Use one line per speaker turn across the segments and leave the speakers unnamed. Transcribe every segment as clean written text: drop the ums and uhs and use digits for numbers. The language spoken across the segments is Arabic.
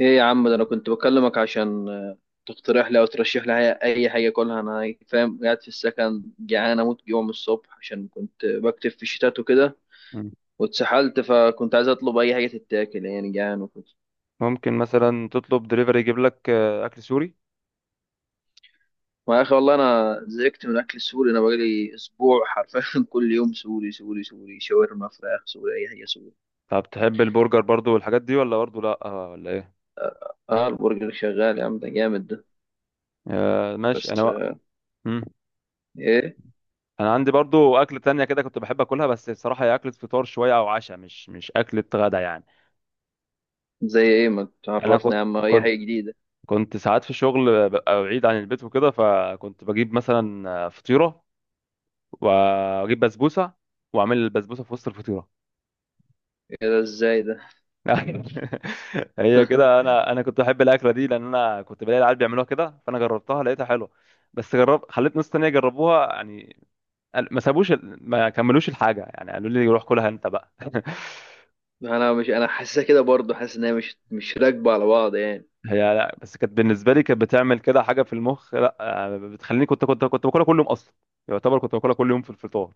ايه يا عم ده، انا كنت بكلمك عشان تقترح لي او ترشح لي أي حاجه اكلها. انا فاهم، قاعد في السكن جعان اموت جوع من الصبح عشان كنت بكتب في الشتات وكده
مم.
واتسحلت. فكنت عايز اطلب اي حاجه تتاكل يعني، جعان وكده.
ممكن مثلا تطلب دليفري يجيب لك اكل سوري.
ما يا اخي والله انا زهقت من الاكل السوري، انا بقالي اسبوع حرفيا كل يوم سوري سوري سوري، شاورما فراخ سوري، اي حاجه سوري.
طب تحب البرجر برضو والحاجات دي، ولا برضو لا ولا ايه؟
اه البرجر شغال يا عم، ده جامد ده.
ماشي انا
بس
بقى. مم.
ايه؟
انا عندي برضو اكل تانية كده كنت بحب اكلها، بس بصراحة هي اكلة فطار شوية او عشاء، مش اكلة غدا يعني.
زي ايه ما
انا
تعرفنا يا عم اي
كنت
حاجه جديده.
كنت ساعات في الشغل ببقى بعيد عن البيت وكده، فكنت بجيب مثلا فطيرة، واجيب بسبوسة، واعمل البسبوسة في وسط الفطيرة.
ايه ده ازاي ده؟
هي كده، انا كنت بحب الاكله دي، لان انا كنت بلاقي العيال بيعملوها كده، فانا جربتها لقيتها حلوه. بس جرب، خليت ناس تانية يجربوها يعني. ما سابوش، ما كملوش الحاجه يعني، قالوا لي روح كلها انت بقى.
انا مش، انا حاسسها كده برضه، حاسس ان هي مش راكبه على بعض يعني
هي لا، بس كانت بالنسبه لي كانت بتعمل كده حاجه في المخ، لا، بتخليني كنت باكلها كل يوم اصلا. يعتبر كنت باكلها كل يوم في الفطار.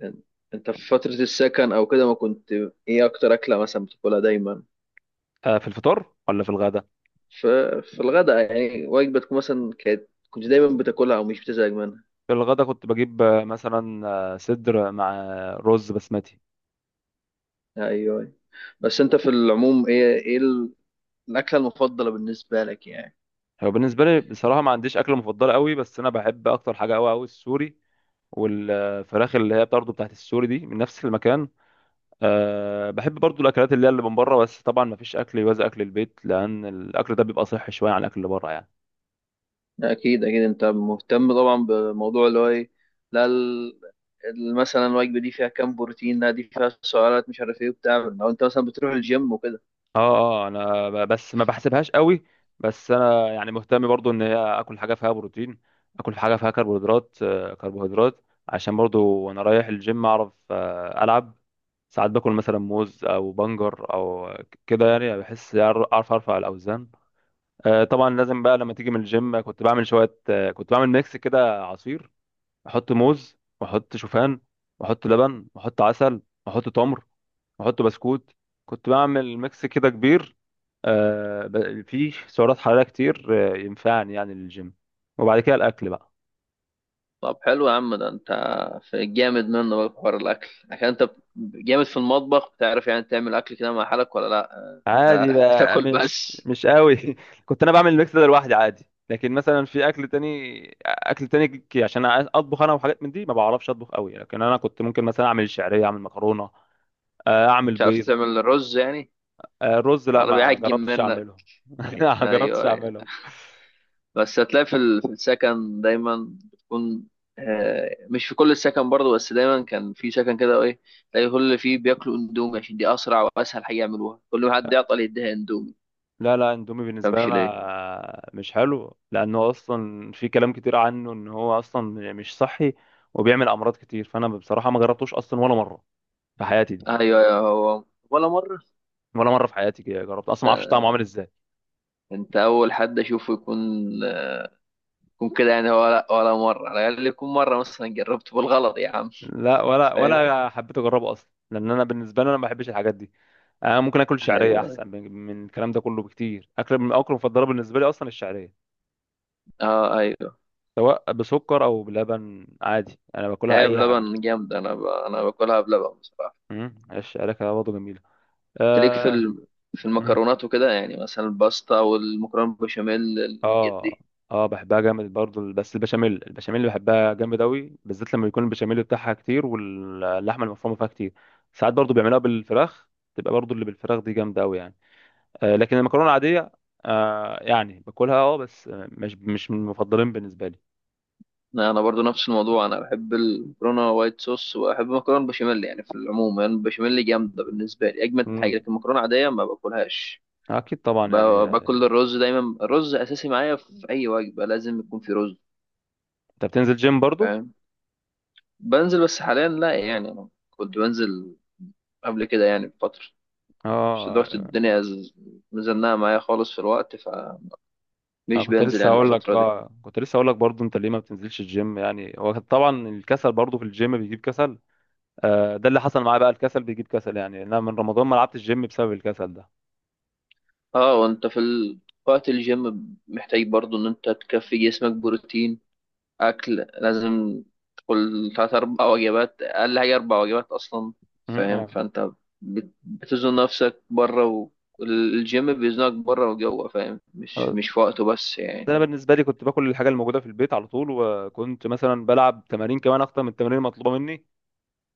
يعني انت في فتره السكن او كده ما كنت، ايه اكتر اكله مثلا بتاكلها دايما؟
في الفطار ولا في الغدا؟
في في الغداء يعني وجبه تكون مثلا كانت كنت دايما بتاكلها او مش بتزهق منها؟
في الغدا كنت بجيب مثلا صدر مع رز بسمتي.
ايوه، أيوة. بس انت في العموم، ايه الاكله المفضله بالنسبه لك يعني؟
هو بالنسبه لي بصراحه ما عنديش اكله مفضله قوي، بس انا بحب اكتر حاجه، قوي قوي، السوري. والفراخ اللي هي برضه بتاعت السوري دي من نفس المكان. أه، بحب برضه الاكلات اللي هي اللي من بره، بس طبعا ما فيش اكل يوازي اكل البيت، لان الاكل ده بيبقى صحي شويه عن الاكل اللي بره يعني.
اكيد اكيد، انت مهتم طبعا بموضوع اللي هو ايه، لا مثلا الوجبه دي فيها كام بروتين، لا دي فيها سعرات مش عارف ايه وبتاع، لو انت مثلا بتروح الجيم وكده.
اه، اه، انا بس ما بحسبهاش قوي. بس انا يعني مهتم برضه ان هي اكل حاجه فيها بروتين، اكل حاجه فيها كربوهيدرات، كربوهيدرات عشان برضه وانا رايح الجيم اعرف العب. ساعات باكل مثلا موز او بنجر او كده يعني بحس، اعرف ارفع الاوزان. طبعا لازم بقى لما تيجي من الجيم، كنت بعمل شويه، كنت بعمل ميكس كده عصير، احط موز، واحط شوفان، واحط لبن، واحط عسل، واحط تمر، واحط بسكوت. كنت بعمل ميكس كده كبير، فيه سعرات حراريه كتير، ينفعني يعني للجيم. وبعد كده الاكل بقى.
طب حلو يا عم ده، انت في جامد منه بقى في حوار الاكل عشان انت جامد في المطبخ، بتعرف يعني تعمل اكل كده مع حالك ولا لا؟
عادي بقى،
بتاكل
مش
بس؟
مش قوي. كنت انا بعمل الميكس ده لوحدي عادي، لكن مثلا في اكل تاني، عشان اطبخ انا، وحاجات من دي ما بعرفش اطبخ قوي، لكن انا كنت ممكن مثلا اعمل شعريه، اعمل مكرونه، اعمل
مش عارف
بيض.
تعمل الرز يعني؟
رز لا،
ولا
ما
بيعجن
جربتش
منك؟
اعمله. ما جربتش
ايوه ايوه.
اعمله.
بس هتلاقي في ال-، في السكن دايما بتكون مش في كل السكن برضه، بس دايما كان في سكن كده، ايه، تلاقي كل اللي فيه بياكلوا اندومي عشان دي اسرع واسهل حاجه يعملوها، كل ما حد يعطل يديها اندومي ما.
لا لا، اندومي بالنسبه لي
تفهمش ليه؟
انا مش حلو، لانه اصلا في كلام كتير عنه ان هو اصلا مش صحي، وبيعمل امراض كتير، فانا بصراحه ما جربتوش اصلا ولا مره في حياتي دي.
ايوه ايوه هو، ولا مره.
ولا مره في حياتي كده جربت اصلا، ما اعرفش طعمه عامل ازاي.
انت اول حد اشوفه يكون، يكون كده يعني، ولا مره على الاقل يكون مره مثلا جربته بالغلط يا عم.
لا، ولا
فاهم.
ولا حبيت اجربه اصلا، لان انا بالنسبه لي انا ما بحبش الحاجات دي. انا ممكن اكل شعريه
ايوه
احسن من الكلام ده كله بكتير. اكل من اكل مفضله بالنسبه لي اصلا الشعريه.
اه ايوه.
سواء بسكر او بلبن عادي، انا باكلها
هي
اي حاجه.
بلبن جامده، انا باكلها بلبن بصراحه.
الشعريه كده برضه جميله.
تليك في
اه.
ال...، في
مم.
المكرونات وكده يعني، مثلا الباستا والمكرونه بالبشاميل، الحاجات
اه،
دي.
اه، بحبها جامد برضه. بس البشاميل، البشاميل اللي بحبها جامد قوي بالذات لما يكون البشاميل بتاعها كتير، واللحمه المفرومه فيها كتير. ساعات برضه بيعملوها بالفراخ، تبقى برضه اللي بالفراخ دي جامده قوي يعني. لكن المكرونه العاديه يعني باكلها اه، بس مش من المفضلين بالنسبه لي.
أنا برضو نفس الموضوع، انا بحب المكرونه وايت صوص وبحب المكرونه بالبشاميل، يعني في العموم يعني البشاميل جامده بالنسبه لي اجمد حاجه، لكن
امم.
المكرونه عاديه ما باكلهاش.
اكيد طبعا
ب-
يعني.
باكل الرز دايما، الرز اساسي معايا في اي وجبه لازم يكون في رز.
انت بتنزل جيم برضو؟
فاهم. بنزل، بس حاليا لا يعني، انا كنت بنزل قبل كده يعني بفتره.
اه.
بس دلوقتي الدنيا مزنقه معايا خالص في الوقت فمش
انا كنت
بنزل
لسه
يعني
هقول لك
الفتره دي.
بقى، كنت لسه هقول لك برضو، انت ليه ما بتنزلش الجيم يعني؟ هو طبعا الكسل برضو في الجيم بيجيب كسل. ده اللي حصل معايا بقى، الكسل بيجيب كسل يعني. انا من رمضان ما لعبتش الجيم بسبب الكسل ده.
اه وانت في وقت الجيم محتاج برضو ان انت تكفي جسمك بروتين، أكل. لازم تقول تلات أربع وجبات، أقل حاجة أربع وجبات أصلا.
مم،
فاهم.
آه.
فأنت بتزن نفسك بره، والجيم بيزنك بره وجوه. فاهم، مش
آه،
مش في وقته بس يعني.
انا بالنسبه لي كنت باكل الحاجه الموجوده في البيت على طول، وكنت مثلا بلعب تمارين كمان اكتر من التمارين المطلوبه مني،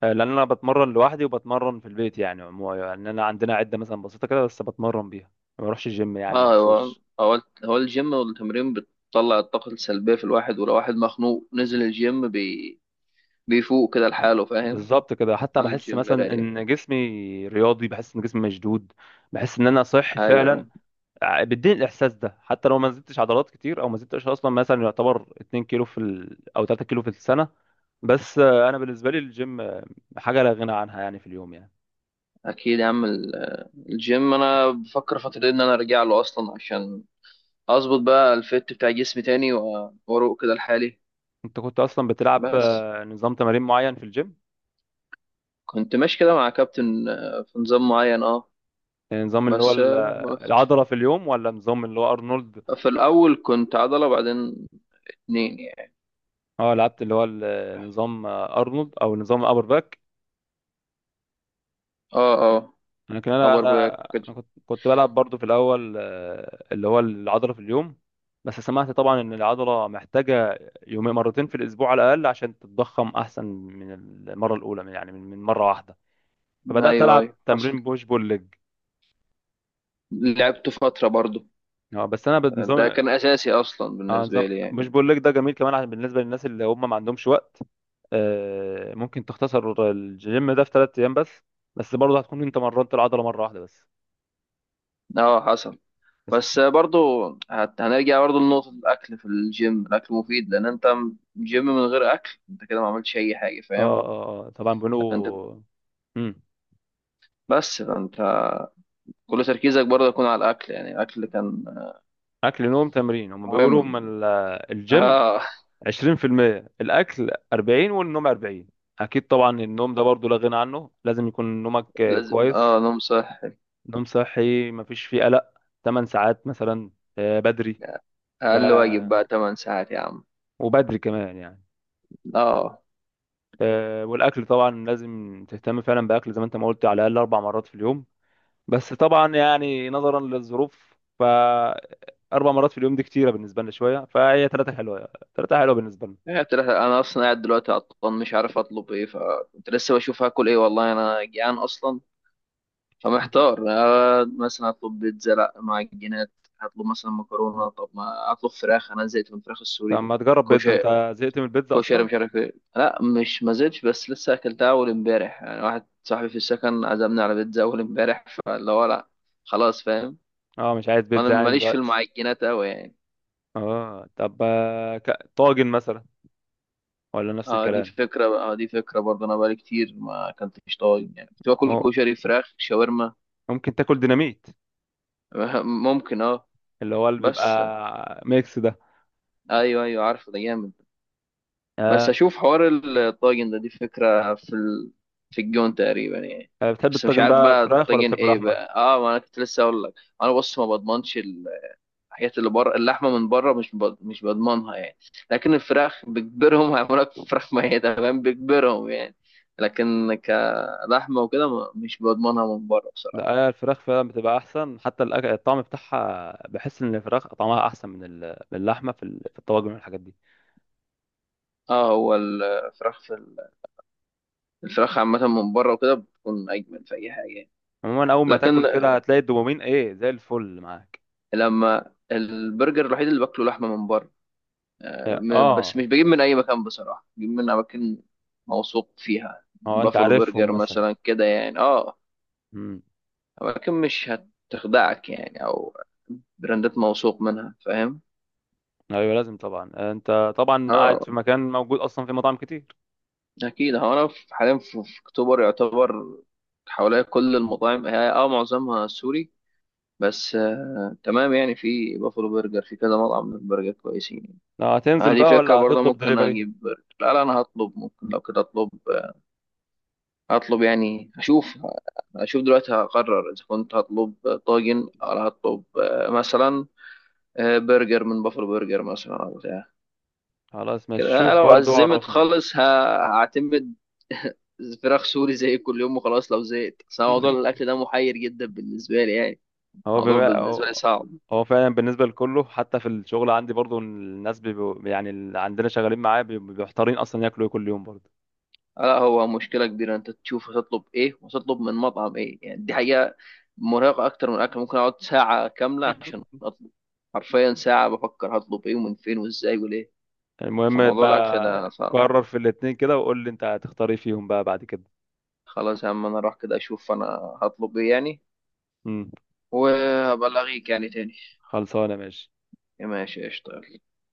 لان انا بتمرن لوحدي وبتمرن في البيت يعني. عموما يعني انا عندنا عده مثلا بسيطه كده بس بتمرن بيها. ما بروحش الجيم يعني
اه هو
مخصوص.
هو هو الجيم والتمرين بتطلع الطاقة السلبية في الواحد، ولو واحد مخنوق نزل الجيم بيفوق كده لحاله. فاهم.
بالظبط كده، حتى
على
بحس
الجيم
مثلا
رايق.
ان جسمي رياضي، بحس ان جسمي مشدود، بحس ان انا صحي
ايوه
فعلا. بيديني الاحساس ده حتى لو ما زدتش عضلات كتير، او ما زدتش اصلا مثلا، يعتبر 2 كيلو او 3 كيلو في السنه. بس انا بالنسبه لي الجيم حاجه لا غنى عنها يعني في اليوم يعني.
اكيد يا عم، الجيم انا بفكر فترة ان انا ارجع له اصلا عشان اظبط بقى الفت بتاع جسمي تاني، واروق كده لحالي.
انت كنت اصلا بتلعب
بس
نظام تمارين معين في الجيم؟
كنت ماشي كده مع كابتن في نظام معين، اه.
يعني نظام اللي هو
بس وقفت.
العضلة في اليوم، ولا نظام اللي هو أرنولد؟
في الاول كنت عضله، بعدين اتنين يعني.
اه، لعبت اللي هو نظام أرنولد أو نظام أبر باك.
اه اه،
لكن أنا
ابر
أنا
باك كده.
أنا كنت بلعب برضو في الأول اللي هو العضلة في اليوم. بس سمعت طبعا إن العضلة محتاجة يومين، مرتين في الأسبوع على الأقل عشان تتضخم أحسن من المرة الأولى، من يعني من من مرة واحدة. فبدأت
ايوه
ألعب
ايوه حصل،
تمرين بوش بول ليج.
لعبته فتره برضو.
اه، بس أنا
ده
بنظام.
كان اساسي اصلا
اه نظام
بالنسبه لي يعني.
بوش بول ليج ده جميل كمان، عشان بالنسبة للناس اللي هم ما عندهمش وقت، ممكن تختصر الجيم ده في ثلاث ايام بس. بس برضه هتكون انت مرنت العضله مره واحده بس.
اه حصل.
بس-
بس برضو هنرجع برضو لنقطة الأكل في الجيم، الأكل مفيد، لأن أنت جيم من غير أكل، أنت كده ما عملتش أي حاجة.
اه،
فاهم.
اه، آه، آه. طبعا
أنت،
بيقولوا. امم.
بس فأنت كل تركيزك برضه يكون على الأكل، يعني الأكل كان
اكل، نوم، تمرين. هم
مهم.
بيقولوا من الجيم
اه
20%، الاكل 40، والنوم 40. اكيد طبعا النوم ده برضه لا غنى عنه، لازم يكون نومك
لازم،
كويس،
نوم صح.
نوم صحي مفيش فيه قلق، 8 ساعات مثلا، بدري ده،
أقل واجب بقى 8 ساعات يا عم.
وبدري كمان يعني.
اه،
والاكل طبعا لازم تهتم فعلا باكل زي ما انت ما قلت، على الاقل اربع مرات في اليوم. بس طبعا يعني نظرا للظروف، ف اربع مرات في اليوم دي كتيره بالنسبه لنا شويه، فهي ثلاثه حلوه. ثلاثه حلوه بالنسبه لنا.
هي بتلاقي-، أنا أصلا قاعد دلوقتي عطلان مش عارف أطلب إيه، فكنت لسه بشوف هاكل إيه والله أنا جيعان أصلا، فمحتار. آه مثلا أطلب بيتزا، لأ معجنات، هطلب مثلا مكرونة، طب ما أطلب فراخ، أنا زهقت من الفراخ
طب
السوري،
ما تجرب بيتزا، انت زهقت من البيتزا
كوشري،
اصلا؟
مش عارف ايه. لا مش، ما زلتش، بس لسه اكلتها اول امبارح يعني، واحد صاحبي في السكن عزمني على بيتزا اول امبارح، فاللي هو لا خلاص فاهم.
اه، مش عايز
انا
بيتزا يعني
ماليش في
دلوقتي؟
المعجنات قوي يعني.
اه، طب، طاجن مثلا، ولا نفس
اه دي
الكلام؟
فكره بقى، اه دي فكره برضه، انا بقالي كتير ما اكلتش طاجن يعني، كنت باكل
اه،
كشري فراخ شاورما.
ممكن تاكل ديناميت،
ممكن اه،
اللي هو اللي
بس
بيبقى ميكس ده.
ايوه ايوه عارف ده جامد. بس
آه.
اشوف حوار الطاجن ده، دي فكره في ال...، في الجون تقريبا يعني.
بتحب
بس مش
الطاجن
عارف
بقى،
بقى
فراخ ولا
الطاجن
بتحب
ايه
لحمه؟
بقى، اه ما انا كنت لسه اقول لك، انا بص، ما بضمنش الحاجات اللي بره، اللحمه من بره مش بضمنها يعني. لكن الفراخ بيجبرهم هيعملوا لك فراخ ميته، فاهم، بيجبرهم يعني. لكن كلحمه وكده، مش بضمنها من بره بصراحه.
لا، هي الفراخ فعلا بتبقى احسن، حتى الطعم بتاعها بحس ان الفراخ طعمها احسن من من اللحمه في في الطواجن والحاجات دي.
اه هو الفراخ عامه من بره وكده بتكون اجمل في اي حاجه يعني.
عموما اول ما
لكن
تاكل كده هتلاقي الدوبامين ايه زي الفل معاك.
لما البرجر الوحيد اللي باكله لحمه من بره، بس
اه،
مش بجيب من اي مكان بصراحه، بجيب من اماكن موثوق فيها،
اه، انت
بافلو
عارفهم
برجر
مثلا؟
مثلا كده يعني اه.
امم.
ولكن مش هتخدعك يعني، او براندات موثوق منها، فاهم.
ايوه، لازم طبعا. انت طبعا قاعد
اه
في مكان، موجود اصلا في مطاعم كتير.
اكيد. هو انا في-، حاليا في في اكتوبر يعتبر، حواليا كل المطاعم هي اه معظمها سوري، بس تمام يعني، في بافلو برجر، في كذا مطعم من البرجر كويسين يعني.
لا، هتنزل
دي
بقى ولا
فكرة برضه،
هتطلب
ممكن
دليفري؟
اجيب برجر، لا لا انا هطلب، ممكن لو كده اطلب، هطلب يعني اشوف دلوقتي هقرر اذا كنت هطلب طاجن او هطلب مثلا، برجر من بافلو برجر مثلا او بتاع
خلاص
كده.
ماشي،
أنا
شوف
لو
برضو
أزمت
عرفني.
خالص هعتمد فراخ سوري زي كل يوم وخلاص لو زهقت. بس أنا موضوع الأكل ده محير جدا بالنسبة لي يعني،
هو
الموضوع
بيبقى،
بالنسبة لي
هو
صعب.
هو فعلا بالنسبة لكله، حتى في الشغل عندي برضو الناس بيبقوا يعني، اللي عندنا شغالين معايا بيبقوا محتارين أصلا ياكلوا ايه كل يوم برضو.
لا هو مشكلة كبيرة، أنت تشوف هتطلب إيه وتطلب من مطعم إيه، يعني دي حقيقة مرهقة أكتر من الأكل، ممكن أقعد ساعة كاملة عشان أطلب. حرفيا ساعة بفكر هطلب إيه ومن فين وإزاي وليه.
المهم
فموضوع الأكل ده
بقى،
صعب.
قرر في الاتنين كده وقول لي انت هتختار ايه فيهم بقى بعد كده.
خلاص يا عم أنا أروح كده أشوف أنا هطلب إيه يعني،
امم.
وأبلغيك يعني تاني.
خلصانة ماشي.
ماشي قشطة.